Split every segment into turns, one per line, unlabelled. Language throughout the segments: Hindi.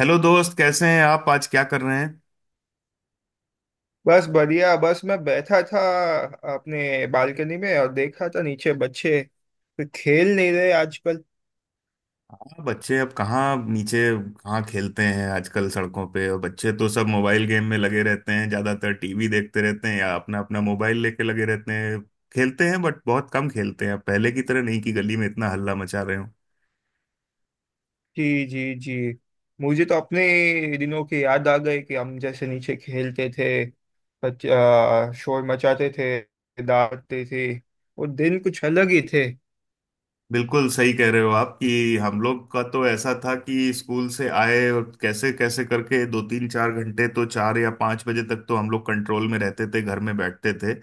हेलो दोस्त, कैसे हैं आप? आज क्या कर रहे हैं?
बस बढ़िया। बस मैं बैठा था अपने बालकनी में और देखा था, नीचे बच्चे तो खेल नहीं रहे आजकल।
हाँ, बच्चे अब कहाँ नीचे, कहाँ खेलते हैं आजकल सड़कों पे। और बच्चे तो सब मोबाइल गेम में लगे रहते हैं, ज्यादातर टीवी देखते रहते हैं या अपना अपना मोबाइल लेके लगे रहते हैं। खेलते हैं बट बहुत कम खेलते हैं अब, पहले की तरह नहीं कि गली में इतना हल्ला मचा रहे हो।
जी जी जी। मुझे तो अपने दिनों की याद आ गई कि हम जैसे नीचे खेलते थे, शोर मचाते थे, दौड़ते थे। वो दिन कुछ अलग ही थे।
बिल्कुल सही कह रहे हो आप कि हम लोग का तो ऐसा था कि स्कूल से आए और कैसे कैसे करके दो तीन चार घंटे तो, 4 या 5 बजे तक तो हम लोग कंट्रोल में रहते थे, घर में बैठते थे।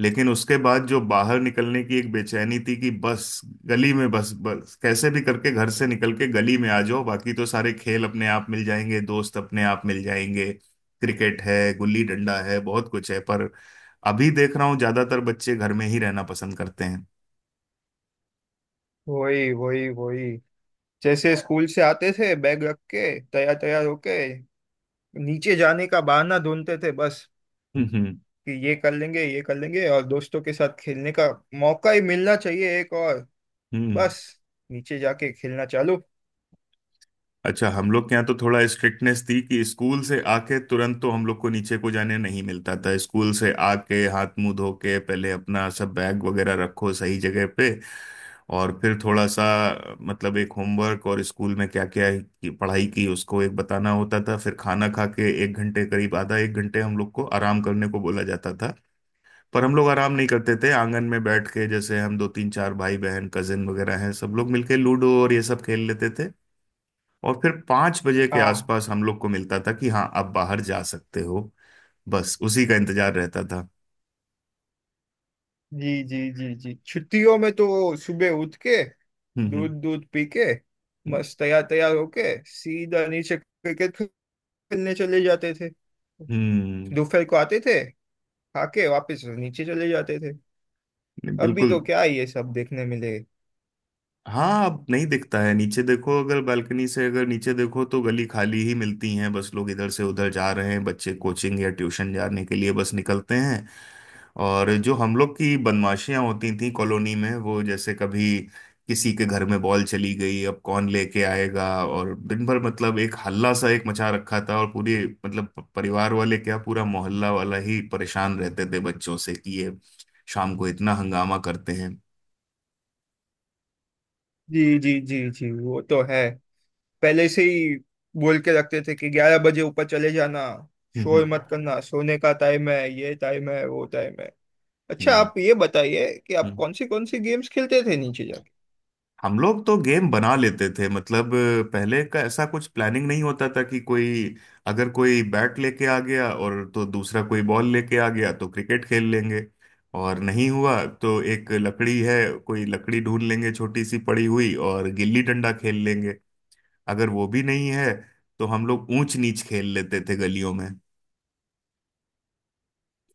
लेकिन उसके बाद जो बाहर निकलने की एक बेचैनी थी कि बस गली में, बस बस कैसे भी करके घर से निकल के गली में आ जाओ, बाकी तो सारे खेल अपने आप मिल जाएंगे, दोस्त अपने आप मिल जाएंगे। क्रिकेट है, गुल्ली डंडा है, बहुत कुछ है, पर अभी देख रहा हूँ ज्यादातर बच्चे घर में ही रहना पसंद करते हैं।
वही वही वही। जैसे स्कूल से आते थे, बैग रख के तैयार तैयार होके नीचे जाने का बहाना ढूंढते थे। बस
हम्म।
कि ये कर लेंगे, ये कर लेंगे, और दोस्तों के साथ खेलने का मौका ही मिलना चाहिए एक और।
हम्म।
बस नीचे जाके खेलना चालू।
अच्छा, हम लोग के यहाँ तो थोड़ा स्ट्रिक्टनेस थी कि स्कूल से आके तुरंत तो हम लोग को नीचे को जाने नहीं मिलता था। स्कूल से आके हाथ मुंह धो के पहले अपना सब बैग वगैरह रखो सही जगह पे। और फिर थोड़ा सा मतलब एक होमवर्क और स्कूल में क्या क्या पढ़ाई की उसको एक बताना होता था। फिर खाना खा के एक घंटे करीब, आधा एक घंटे, हम लोग को आराम करने को बोला जाता था। पर हम लोग आराम नहीं करते थे, आंगन में बैठ के, जैसे हम दो तीन चार भाई बहन कजिन वगैरह हैं, सब लोग मिलके लूडो और ये सब खेल लेते थे। और फिर 5 बजे के
हाँ।
आसपास हम लोग को मिलता था कि हाँ, अब बाहर जा सकते हो। बस उसी का इंतजार रहता था।
जी जी जी जी। छुट्टियों में तो सुबह उठ के दूध
हम्म।
दूध पी के
हम्म।
मस्त तैयार तैयार होके सीधा नीचे क्रिकेट खेलने चले जाते थे।
हम्म,
दोपहर को आते थे, खाके वापस नीचे चले जाते थे। अभी
बिल्कुल।
तो क्या ये सब देखने मिले।
हाँ, अब नहीं दिखता है। नीचे देखो अगर बालकनी से, अगर नीचे देखो तो गली खाली ही मिलती हैं, बस लोग इधर से उधर जा रहे हैं, बच्चे कोचिंग या ट्यूशन जाने के लिए बस निकलते हैं। और जो हम लोग की बदमाशियां होती थी कॉलोनी में, वो जैसे कभी किसी के घर में बॉल चली गई, अब कौन लेके आएगा, और दिन भर मतलब एक हल्ला सा एक मचा रखा था। और पूरे मतलब परिवार वाले क्या, पूरा मोहल्ला वाला ही परेशान रहते थे बच्चों से कि ये शाम को इतना हंगामा करते हैं।
जी जी जी जी। वो तो है पहले से ही। बोल के रखते थे कि 11 बजे ऊपर चले जाना, शोर
हम्म।
मत करना, सोने का टाइम है, ये टाइम है वो टाइम है। अच्छा,
हम्म।
आप ये बताइए कि आप
हम्म,
कौन सी गेम्स खेलते थे नीचे जाके?
हम लोग तो गेम बना लेते थे, मतलब पहले का ऐसा कुछ प्लानिंग नहीं होता था कि कोई, अगर कोई बैट लेके आ गया और तो दूसरा कोई बॉल लेके आ गया तो क्रिकेट खेल लेंगे। और नहीं हुआ तो एक लकड़ी है, कोई लकड़ी ढूंढ लेंगे छोटी सी पड़ी हुई और गिल्ली डंडा खेल लेंगे। अगर वो भी नहीं है तो हम लोग ऊंच नीच खेल लेते थे गलियों में।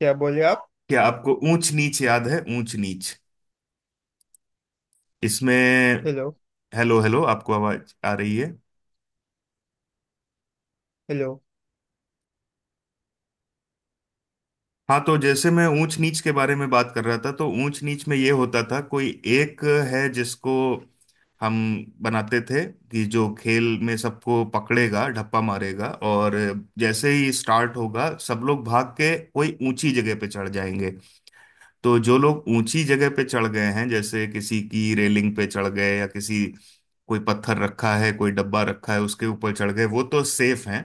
क्या बोले आप?
क्या आपको ऊंच नीच याद है? ऊंच नीच, इसमें
हेलो?
हेलो, हेलो, आपको आवाज आ रही है?
हेलो?
हाँ, तो जैसे मैं ऊंच नीच के बारे में बात कर रहा था तो ऊंच नीच में ये होता था कोई एक है जिसको हम बनाते थे कि जो खेल में सबको पकड़ेगा, ढप्पा मारेगा। और जैसे ही स्टार्ट होगा सब लोग भाग के कोई ऊंची जगह पे चढ़ जाएंगे। तो जो लोग ऊंची जगह पे चढ़ गए हैं, जैसे किसी की रेलिंग पे चढ़ गए या किसी, कोई पत्थर रखा है, कोई डब्बा रखा है, उसके ऊपर चढ़ गए, वो तो सेफ हैं।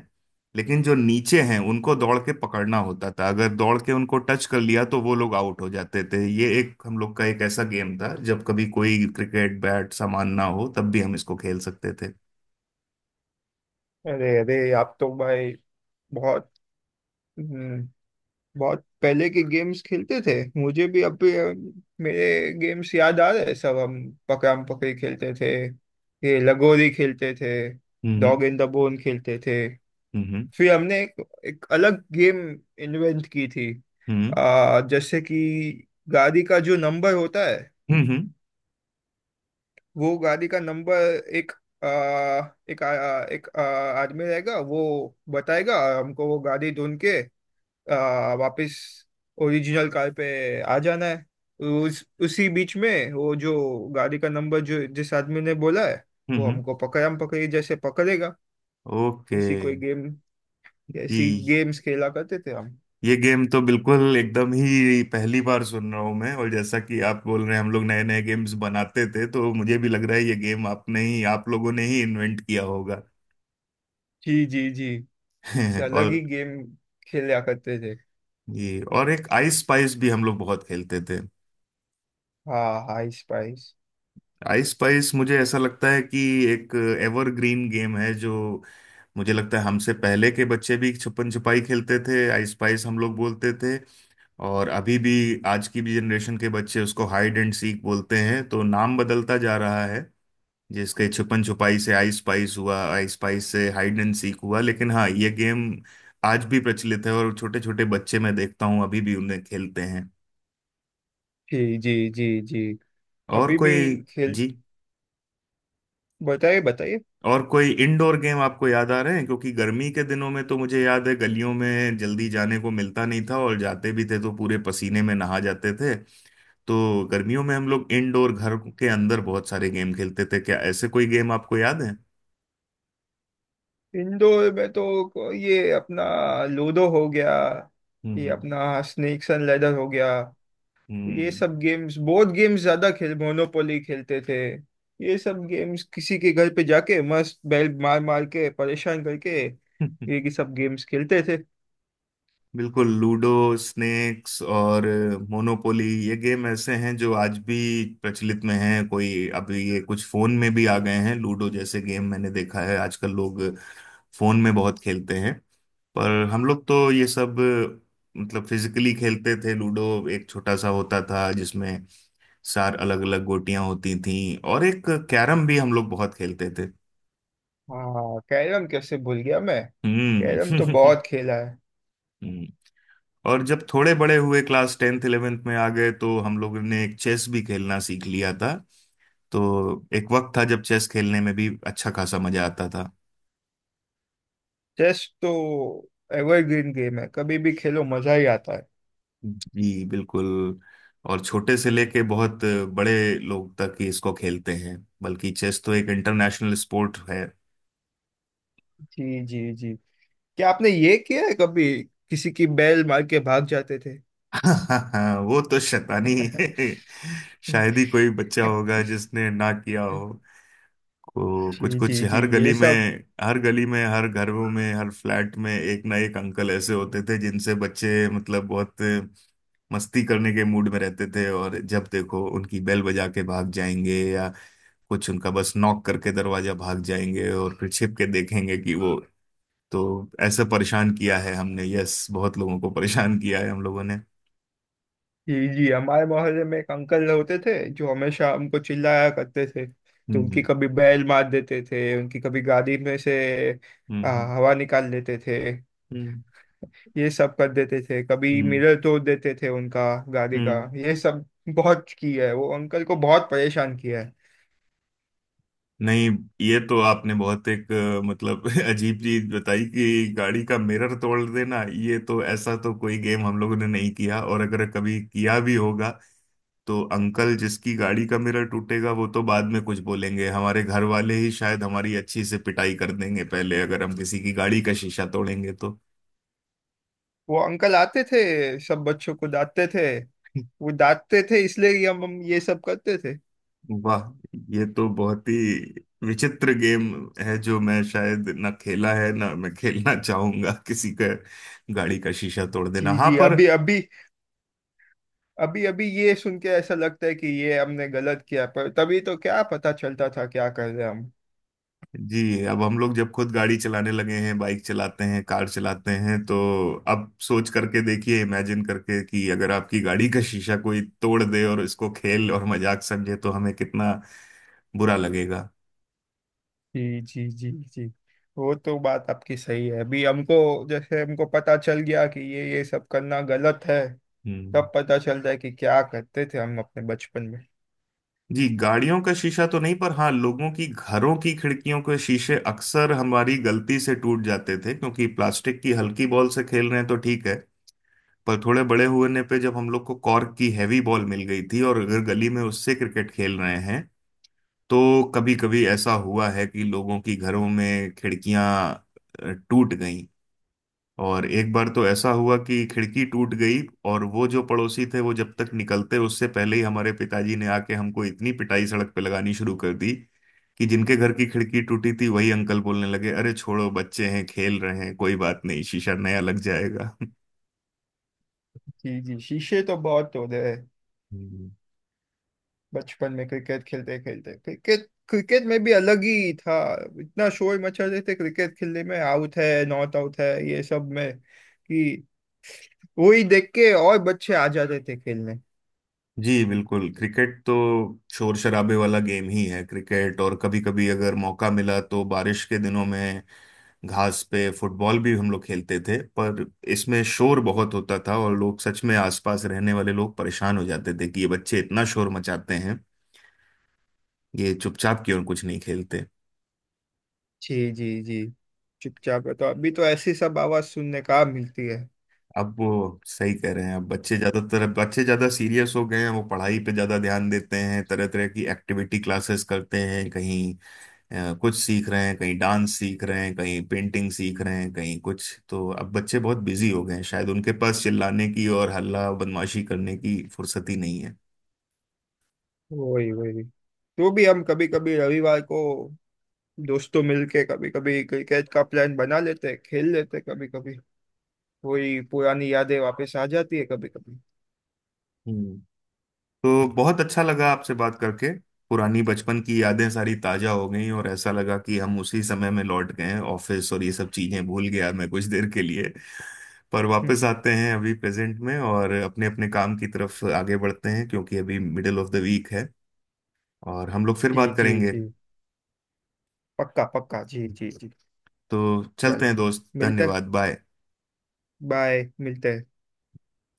लेकिन जो नीचे हैं उनको दौड़ के पकड़ना होता था, अगर दौड़ के उनको टच कर लिया तो वो लोग आउट हो जाते थे। ये एक हम लोग का एक ऐसा गेम था जब कभी कोई क्रिकेट बैट सामान ना हो तब भी हम इसको खेल सकते थे।
अरे अरे, आप तो भाई बहुत हम्म, बहुत पहले के गेम्स खेलते थे। मुझे भी अब भी, मेरे गेम्स याद आ रहे हैं। सब हम पकड़म पकड़ी खेलते थे, ये लगोरी खेलते थे,
हम्म।
डॉग इन द बोन खेलते थे।
हम्म।
फिर हमने एक अलग गेम इन्वेंट की थी।
हम्म।
जैसे कि गाड़ी का जो नंबर होता है,
हम्म। हम्म। हम्म।
वो गाड़ी का नंबर, एक आ, एक आ, एक आ, आदमी रहेगा, वो बताएगा, और हमको वो गाड़ी ढूंढ के वापस ओरिजिनल कार पे आ जाना है। उस उसी बीच में वो जो गाड़ी का नंबर जो जिस आदमी ने बोला है,
हम्म।
वो हमको पकड़म पकड़ी जैसे पकड़ेगा।
ओके।
ऐसी कोई गेम ऐसी
जी,
गेम्स खेला करते थे हम।
ये गेम तो बिल्कुल एकदम ही पहली बार सुन रहा हूं मैं। और जैसा कि आप बोल रहे हैं हम लोग नए नए गेम्स बनाते थे, तो मुझे भी लग रहा है ये गेम आपने ही, आप लोगों ने ही इन्वेंट किया होगा।
जी जी जी। से अलग ही
और,
गेम खेला करते थे।
ये और एक आइस स्पाइस भी हम लोग बहुत खेलते थे।
हाँ, हाई स्पाइस।
आइस स्पाइस मुझे ऐसा लगता है कि एक एवरग्रीन गेम है, जो मुझे लगता है हमसे पहले के बच्चे भी छुपन छुपाई खेलते थे, आइस स्पाइस हम लोग बोलते थे। और अभी भी आज की भी जनरेशन के बच्चे उसको हाइड एंड सीक बोलते हैं। तो नाम बदलता जा रहा है। जिसके छुपन छुपाई से आई स्पाइस हुआ, आई स्पाइस से हाइड एंड सीक हुआ। लेकिन हाँ, ये गेम आज भी प्रचलित है और छोटे छोटे बच्चे मैं देखता हूँ अभी भी उन्हें खेलते हैं।
जी जी जी जी।
और
अभी
कोई?
भी खेल।
जी,
बताइए बताइए।
और कोई इंडोर गेम आपको याद आ रहे हैं? क्योंकि गर्मी के दिनों में तो मुझे याद है गलियों में जल्दी जाने को मिलता नहीं था और जाते भी थे तो पूरे पसीने में नहा जाते थे। तो गर्मियों में हम लोग इंडोर, घर के अंदर, बहुत सारे गेम खेलते थे। क्या ऐसे कोई गेम आपको याद है?
इंडोर में तो ये अपना लूडो हो गया, ये
हम्म।
अपना स्नेक्स एंड लैडर हो गया। ये
हम्म।
सब गेम्स, बोर्ड गेम्स ज्यादा खेल मोनोपोली खेलते थे। ये सब गेम्स किसी के घर पे जाके मस्त बैल मार मार के परेशान करके
हम्म।
ये की सब गेम्स खेलते थे।
बिल्कुल लूडो, स्नेक्स और मोनोपोली, ये गेम ऐसे हैं जो आज भी प्रचलित में हैं। कोई अभी, ये कुछ फोन में भी आ गए हैं, लूडो जैसे गेम मैंने देखा है आजकल लोग फोन में बहुत खेलते हैं। पर हम लोग तो ये सब मतलब फिजिकली खेलते थे। लूडो एक छोटा सा होता था जिसमें चार अलग अलग गोटियां होती थीं। और एक कैरम भी हम लोग बहुत खेलते थे।
हाँ, कैरम कैसे भूल गया मैं!
हम्म।
कैरम तो बहुत खेला है।
और जब थोड़े बड़े हुए, क्लास टेंथ इलेवेंथ में आ गए, तो हम लोगों ने एक चेस भी खेलना सीख लिया था। तो एक वक्त था जब चेस खेलने में भी अच्छा खासा मजा आता था।
चेस तो एवरग्रीन गेम है, कभी भी खेलो मजा ही आता है।
जी बिल्कुल, और छोटे से लेके बहुत बड़े लोग तक ही इसको खेलते हैं। बल्कि चेस तो एक इंटरनेशनल स्पोर्ट है।
जी जी जी। क्या आपने ये किया है कभी, किसी की बैल मार के भाग जाते थे?
वो तो शैतानी। शायद ही कोई बच्चा होगा जिसने ना किया हो, को कुछ
जी जी
कुछ
जी
हर
ये
गली में।
सब।
हर गली में, हर घरों में, हर फ्लैट में एक ना एक अंकल ऐसे होते थे जिनसे बच्चे मतलब बहुत मस्ती करने के मूड में रहते थे, और जब देखो उनकी बेल बजा के भाग जाएंगे या कुछ उनका बस नॉक करके दरवाजा भाग जाएंगे और फिर छिप के देखेंगे कि वो। तो ऐसे परेशान किया है हमने, यस, बहुत लोगों को परेशान किया है हम लोगों ने।
जी जी, हमारे मोहल्ले में एक अंकल होते थे जो हमेशा हमको चिल्लाया करते थे। तो उनकी
हम्म।
कभी बैल मार देते थे, उनकी कभी गाड़ी में से
हम्म। हम्म।
हवा निकाल लेते थे।
हम्म।
ये सब कर देते थे। कभी
हम्म।
मिरर तोड़ देते थे उनका, गाड़ी का।
हम्म।
ये सब बहुत किया है। वो अंकल को बहुत परेशान किया है।
नहीं, ये तो आपने बहुत एक मतलब अजीब चीज बताई कि गाड़ी का मिरर तोड़ देना। ये तो ऐसा तो कोई गेम हम लोगों ने नहीं किया, और अगर कभी किया भी होगा तो अंकल, जिसकी गाड़ी का मिरर टूटेगा वो तो बाद में कुछ बोलेंगे, हमारे घर वाले ही शायद हमारी अच्छी से पिटाई कर देंगे पहले, अगर हम किसी की गाड़ी का शीशा तोड़ेंगे तो।
वो अंकल आते थे, सब बच्चों को डांटते थे। वो डांटते थे इसलिए ही हम ये सब करते थे।
वाह, ये तो बहुत ही विचित्र गेम है जो मैं शायद ना खेला है ना मैं खेलना चाहूंगा, किसी का गाड़ी का शीशा तोड़ देना।
जी
हाँ,
जी।
पर
अभी अभी ये सुन के ऐसा लगता है कि ये हमने गलत किया, पर तभी तो क्या पता चलता था क्या कर रहे हम।
जी अब हम लोग जब खुद गाड़ी चलाने लगे हैं, बाइक चलाते हैं, कार चलाते हैं, तो अब सोच करके देखिए, इमेजिन करके, कि अगर आपकी गाड़ी का शीशा कोई तोड़ दे और इसको खेल और मजाक समझे तो हमें कितना बुरा लगेगा।
जी जी जी जी, वो तो बात आपकी सही है। अभी हमको जैसे हमको पता चल गया कि ये सब करना गलत है।
हम्म।
तब पता चलता है कि क्या करते थे हम अपने बचपन में।
जी, गाड़ियों का शीशा तो नहीं, पर हाँ, लोगों की घरों की खिड़कियों के शीशे अक्सर हमारी गलती से टूट जाते थे क्योंकि प्लास्टिक की हल्की बॉल से खेल रहे हैं तो ठीक है। पर थोड़े बड़े होने पे जब हम लोग को कॉर्क की हैवी बॉल मिल गई थी, और अगर गली में उससे क्रिकेट खेल रहे हैं तो कभी कभी ऐसा हुआ है कि लोगों की घरों में खिड़कियां टूट गई। और एक बार तो ऐसा हुआ कि खिड़की टूट गई और वो जो पड़ोसी थे, वो जब तक निकलते उससे पहले ही हमारे पिताजी ने आके हमको इतनी पिटाई सड़क पे लगानी शुरू कर दी कि जिनके घर की खिड़की टूटी थी वही अंकल बोलने लगे, अरे छोड़ो, बच्चे हैं, खेल रहे हैं, कोई बात नहीं, शीशा नया लग जाएगा।
जी जी, शीशे तो बहुत तोड़े हैं
हम्म।
बचपन में क्रिकेट खेलते खेलते। क्रिकेट क्रिकेट में भी अलग ही था। इतना शोर मचा रहे थे क्रिकेट खेलने में, आउट है नॉट आउट है ये सब में, कि वो ही देख के और बच्चे आ जाते थे खेलने।
जी बिल्कुल, क्रिकेट तो शोर शराबे वाला गेम ही है, क्रिकेट। और कभी कभी अगर मौका मिला तो बारिश के दिनों में घास पे फुटबॉल भी हम लोग खेलते थे, पर इसमें शोर बहुत होता था और लोग, सच में आसपास रहने वाले लोग परेशान हो जाते थे कि ये बच्चे इतना शोर मचाते हैं, ये चुपचाप क्यों कुछ नहीं खेलते।
जी जी जी। चुपचाप है तो, अभी तो ऐसी सब आवाज सुनने का मिलती है।
अब वो सही कह रहे हैं, अब बच्चे ज्यादातर, अब बच्चे ज्यादा सीरियस हो गए हैं, वो पढ़ाई पे ज्यादा ध्यान देते हैं, तरह तरह की एक्टिविटी क्लासेस करते हैं, कहीं कुछ सीख रहे हैं, कहीं डांस सीख रहे हैं, कहीं पेंटिंग सीख रहे हैं, कहीं कुछ। तो अब बच्चे बहुत बिजी हो गए हैं, शायद उनके पास चिल्लाने की और हल्ला बदमाशी करने की फुर्सत ही नहीं है।
वही वही, तो भी हम कभी कभी रविवार को दोस्तों मिलके कभी कभी क्रिकेट का प्लान बना लेते हैं, खेल लेते हैं कभी कभी। वही पुरानी यादें वापस आ जाती है कभी कभी।
हम्म। तो बहुत अच्छा लगा आपसे बात करके, पुरानी बचपन की यादें सारी ताजा हो गई और ऐसा लगा कि हम उसी समय में लौट गए हैं, ऑफिस और ये सब चीजें भूल गया मैं कुछ देर के लिए। पर वापस आते हैं अभी प्रेजेंट में, और अपने अपने काम की तरफ आगे बढ़ते हैं क्योंकि अभी मिडिल ऑफ द वीक है, और हम लोग फिर
जी
बात
जी
करेंगे।
जी, पक्का पक्का, जी जी जी।
तो चलते
चलो,
हैं दोस्त,
मिलते,
धन्यवाद, बाय।
बाय, मिलते हैं।